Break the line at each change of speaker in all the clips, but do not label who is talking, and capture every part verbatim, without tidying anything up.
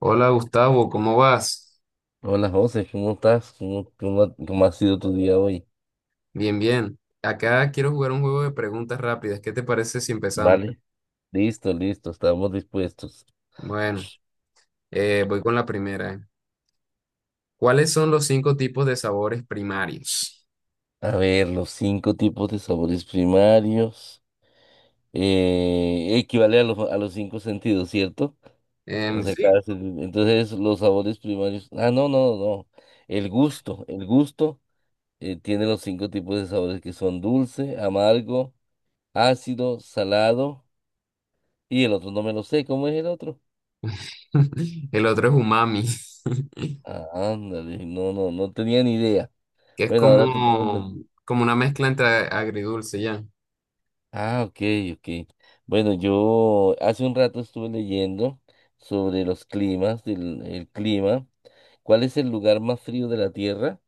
Hola Gustavo, ¿cómo vas?
Hola José, ¿cómo estás? ¿Cómo, cómo, ha cómo ha sido tu día hoy?
Bien, bien. Acá quiero jugar un juego de preguntas rápidas. ¿Qué te parece si empezamos?
Vale, listo, listo, estamos dispuestos.
Bueno, eh, voy con la primera. ¿Eh? ¿Cuáles son los cinco tipos de sabores primarios?
A ver, los cinco tipos de sabores primarios eh, equivale a los, a los cinco sentidos, ¿cierto? O
Em,
sea,
sí.
cada sen- entonces los sabores primarios. Ah, no, no, no. El gusto, el gusto eh, tiene los cinco tipos de sabores que son dulce, amargo, ácido, salado, y el otro no me lo sé. ¿Cómo es el otro?
El otro es umami,
Ah, ándale, no, no, no tenía ni idea.
que es
Bueno, ahora tu pregunta.
como, como una mezcla entre agridulce, ya.
Ah, ok, ok. Bueno, yo hace un rato estuve leyendo sobre los climas, del, el clima. ¿Cuál es el lugar más frío de la Tierra?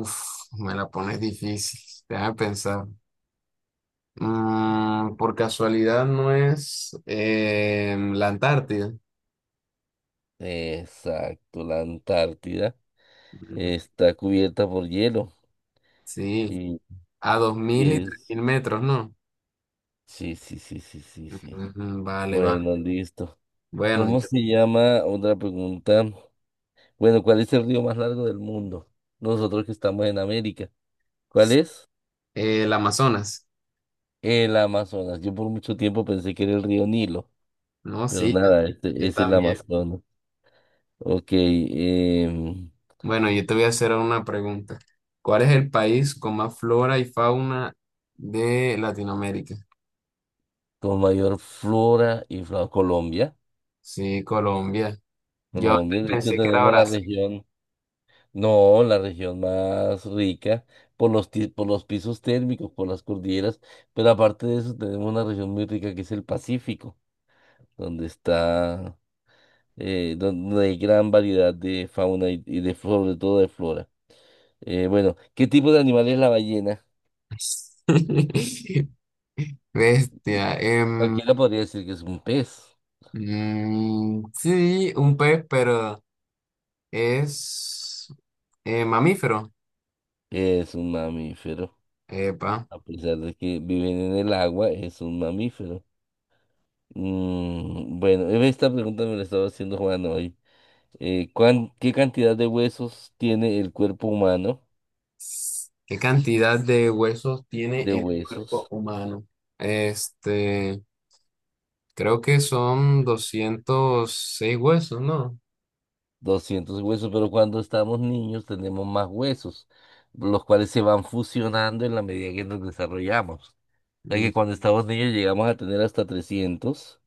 Uf, me la pones difícil. Déjame pensar. Mm, por casualidad no es em, la Antártida.
Exacto, la Antártida.
Mm,
Está cubierta por hielo.
sí.
Y,
A dos
y
mil y tres
es...
mil metros, ¿no?
Sí, sí, sí, sí, sí, sí.
Ujú, vale, va.
Bueno, listo.
Bueno,
¿Cómo
yo-
se llama? Otra pregunta. Bueno, ¿cuál es el río más largo del mundo? Nosotros que estamos en América. ¿Cuál es?
eh, el Amazonas.
El Amazonas. Yo por mucho tiempo pensé que era el río Nilo,
No,
pero
sí,
nada, este
yo
es el
también.
Amazonas. Ok, em,
Bueno, yo te voy a hacer una pregunta. ¿Cuál es el país con más flora y fauna de Latinoamérica?
con mayor flora y flora, Colombia.
Sí, Colombia. Yo antes
Colombia, de hecho,
pensé que era
tenemos la
Brasil.
región, no, la región más rica por los, ti- por los pisos térmicos, por las cordilleras, pero aparte de eso, tenemos una región muy rica que es el Pacífico, donde está, eh, donde hay gran variedad de fauna y, y de, sobre todo de flora. Eh, bueno, ¿qué tipo de animal es la ballena?
Bestia. Em,
Cualquiera podría decir que es un pez,
mm, sí, un pez, pero es eh, mamífero.
es un mamífero,
Epa.
a pesar de que viven en el agua, es un mamífero. Mm, bueno, esta pregunta me la estaba haciendo Juan hoy. Eh, ¿cuán- qué cantidad de huesos tiene el cuerpo humano?
¿Qué cantidad de huesos tiene
De
el cuerpo
huesos,
humano? Este, creo que son doscientos seis huesos, ¿no?
doscientos huesos, pero cuando estamos niños tenemos más huesos, los cuales se van fusionando en la medida que nos desarrollamos. O sea
Mm,
que cuando estamos niños llegamos a tener hasta trescientos,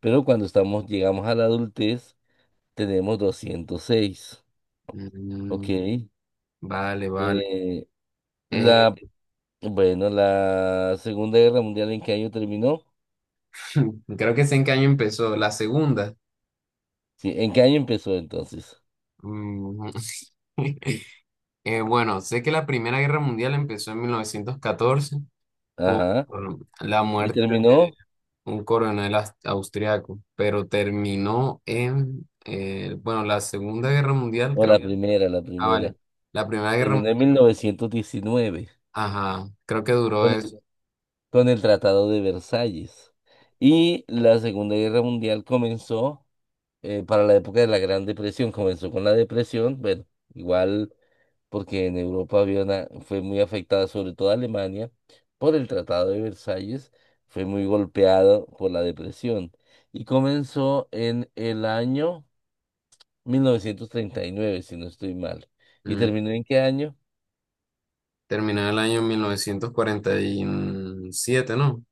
pero cuando estamos, llegamos a la adultez, tenemos doscientos seis. Ok.
mm,
Eh,
vale, vale. Eh,
la, bueno, la Segunda Guerra Mundial, ¿en qué año terminó?
Creo que sé en qué año empezó. La segunda.
Sí, ¿en qué año empezó entonces?
Mm, eh, bueno, sé que la Primera Guerra Mundial empezó en mil novecientos catorce por
Ajá.
la
¿Y
muerte de
terminó?
un coronel aus- austriaco, pero terminó en, eh, bueno, la Segunda Guerra Mundial
No, la
creo.
Eh, primera, la
Ah, vale.
primera.
La Primera Guerra, Mu-
Terminó en mil novecientos diecinueve,
ajá, creo que duró
con
eso.
el, con el Tratado de Versalles. Y la Segunda Guerra Mundial comenzó eh, para la época de la Gran Depresión, comenzó con la depresión, bueno, igual. Porque en Europa había una- fue muy afectada, sobre todo Alemania, por el Tratado de Versalles, fue muy golpeado por la depresión y comenzó en el año mil novecientos treinta y nueve, si no estoy mal. ¿Y
Mm,
terminó en qué año?
Terminó en el año mil novecientos cuarenta y siete, ¿no?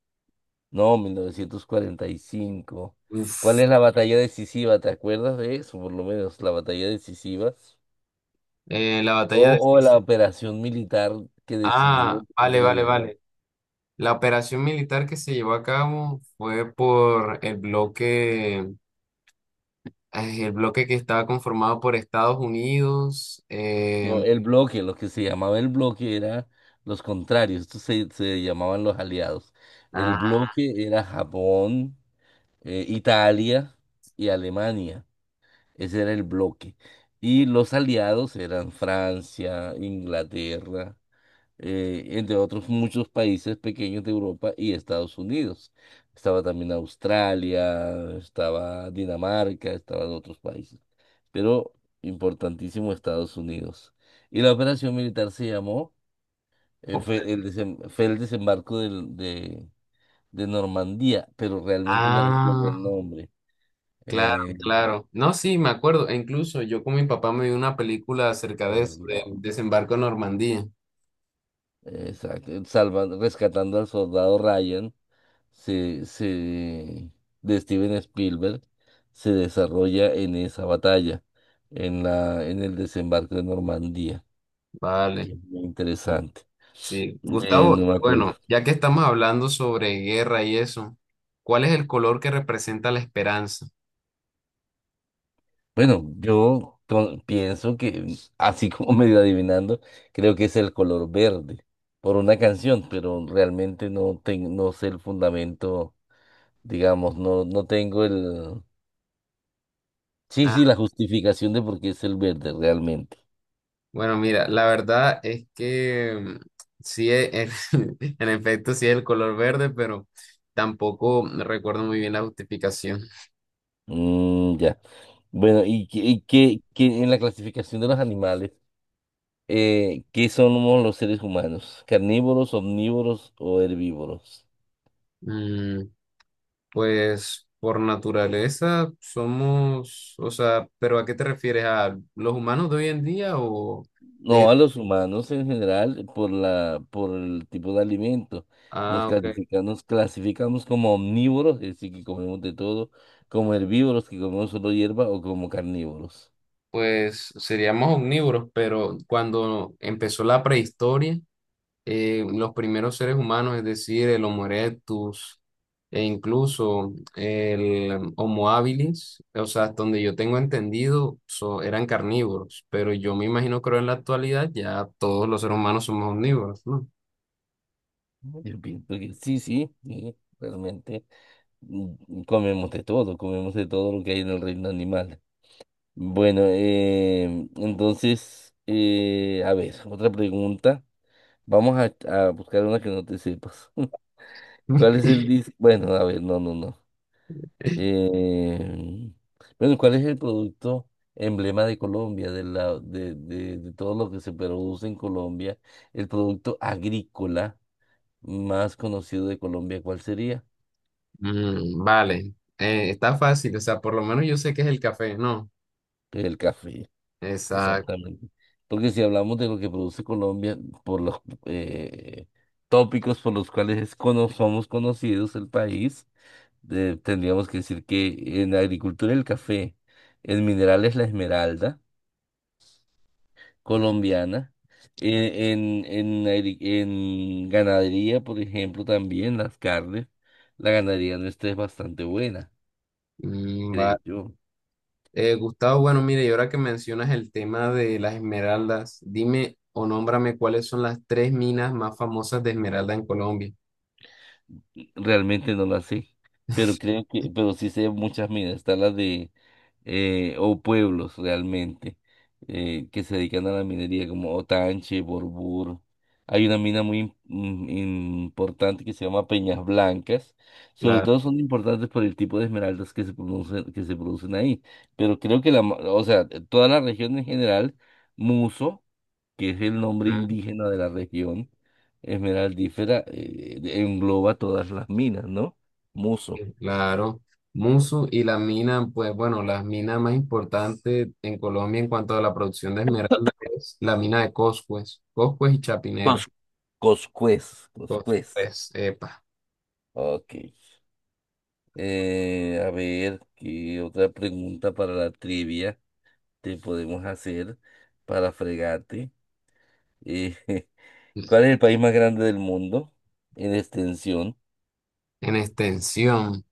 No, mil novecientos cuarenta y cinco. ¿Cuál es
Uf.
la batalla decisiva? ¿Te acuerdas de eso? Por lo menos la batalla decisiva
Eh, la batalla de...
o, o la operación militar que decidió
Ah,
el fin de
vale,
la
vale,
guerra.
vale. La operación militar que se llevó a cabo fue por el bloque, ay, el bloque que estaba conformado por Estados Unidos.
No,
eh,
el bloque, lo que se llamaba el bloque era los contrarios, estos se, se llamaban los aliados. El
ah,
bloque era Japón, eh, Italia y Alemania. Ese era el bloque. Y los aliados eran Francia, Inglaterra, eh, entre otros muchos países pequeños de Europa y Estados Unidos. Estaba también Australia, estaba Dinamarca, estaban otros países, pero importantísimo Estados Unidos. Y la operación militar se llamó, eh,
op-
fue el desem- fue el desembarco del- de, de Normandía, pero realmente no recuerdo el
ah,
nombre.
claro,
Eh,
claro. No, sí, me acuerdo. E incluso yo con mi papá me vi una película
a
acerca de eso, del
verlo.
desembarco en Normandía.
Exacto, salvan- rescatando al soldado Ryan, se, se- de Steven Spielberg, se desarrolla en esa batalla, en la, en el desembarco de Normandía, que
Vale,
es muy interesante.
sí.
Eh,
Gustavo,
no me acuerdo.
bueno, ya que estamos hablando sobre guerra y eso, ¿cuál es el color que representa la esperanza?
Bueno, yo con- pienso que, así como medio adivinando, creo que es el color verde por una canción, pero realmente no, ten- no sé el fundamento, digamos, no, no tengo el... Sí,
Ah,
sí, la justificación de por qué es el verde realmente.
bueno, mira, la verdad es que mm, sí, e- en, en efecto, sí es el color verde, pero tampoco recuerdo muy bien la justificación.
Mm, ya. Bueno, y, que- y que, que en la clasificación de los animales, eh, ¿qué somos los seres humanos? ¿Carnívoros, omnívoros o herbívoros?
Mm, pues por naturaleza somos, o sea, ¿pero a qué te refieres? ¿A los humanos de hoy en día o
No,
de...
a los humanos en general, por la, por el tipo de alimento, nos
Ah, ok.
clasifica- nos clasificamos como omnívoros, es decir, que comemos de todo, como herbívoros, que comemos solo hierba, o como carnívoros.
Pues seríamos omnívoros, pero cuando empezó la prehistoria, eh, los primeros seres humanos, es decir, el Homo erectus e incluso el Homo habilis, o sea, hasta donde yo tengo entendido, so- eran carnívoros, pero yo me imagino que ahora en la actualidad ya todos los seres humanos somos omnívoros, ¿no?
Yo pienso que sí, sí, sí, realmente mm, comemos de todo, comemos de todo lo que hay en el reino animal. Bueno, eh, entonces, eh, a ver, otra pregunta. Vamos a, a buscar una que no te sepas. ¿Cuál es el dis- Bueno, a ver, no, no, no. Eh, bueno, ¿cuál es el producto emblema de Colombia, de, la, de, de, de todo lo que se produce en Colombia? El producto agrícola más conocido de Colombia, ¿cuál sería?
Mm, vale. Eh, está fácil, o sea, por lo menos yo sé que es el café, ¿no?
El café.
Exacto.
Exactamente. Porque si hablamos de lo que produce Colombia, por los eh, tópicos por los cuales es cono- somos conocidos el país, de- tendríamos que decir que en la agricultura el café, en minerales la esmeralda colombiana, eh, en, en, agri- en ganadería, por ejemplo, también las carnes, la ganadería nuestra es bastante buena,
Mm, vale.
creo yo.
Eh, Gustavo, bueno, mire, y ahora que mencionas el tema de las esmeraldas, dime o nómbrame cuáles son las tres minas más famosas de esmeralda en Colombia.
Sí, realmente no la sé, pero creo que, pero sí sé muchas minas, está la de, eh, o pueblos realmente, eh, que se dedican a la minería, como Otanche, Borbur. Hay una mina muy im- im- importante que se llama Peñas Blancas. Sobre
Claro,
todo son importantes por el tipo de esmeraldas que se producen, que se producen ahí. Pero creo que la, ma- o sea, toda la región en general, Muso, que es el nombre
ah,
indígena de la región esmeraldífera, eh, engloba todas las minas, ¿no? Muso.
claro, Musu y la mina, pues bueno, las minas más importantes en Colombia en cuanto a la producción de esmeralda es la mina de Coscues, Coscues y Chapinero,
Cos- Coscuez, Coscuez.
Coscues, epa.
Ok. Eh, a ver, ¿qué otra pregunta para la trivia te podemos hacer para fregarte? Eh, ¿cuál es el país más grande del mundo en extensión?
En extensión.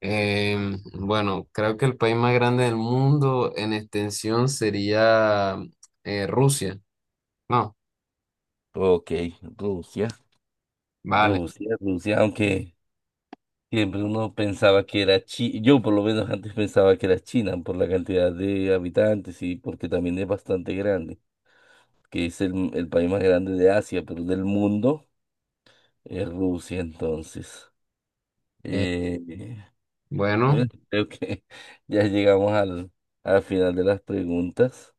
em, bueno, creo que el país más grande del mundo en extensión sería eh, Rusia. No,
Ok, Rusia.
vale.
Rusia, Rusia, aunque siempre uno pensaba que era China, yo por lo menos antes pensaba que era China por la cantidad de habitantes y porque también es bastante grande, que es el, el país más grande de Asia, pero del mundo es Rusia entonces.
Eh,
Eh, eh,
bueno,
bueno, creo que ya llegamos al, al final de las preguntas.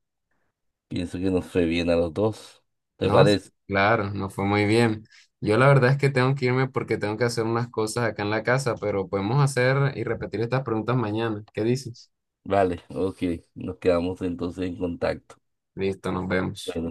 Pienso que nos fue bien a los dos. ¿Te
no,
parece?
claro, no fue muy bien. Yo la verdad es que tengo que irme porque tengo que hacer unas cosas acá en la casa, pero podemos hacer y repetir estas preguntas mañana. ¿Qué dices?
Vale, ok, nos quedamos entonces en contacto.
Listo, nos vemos.
Bueno.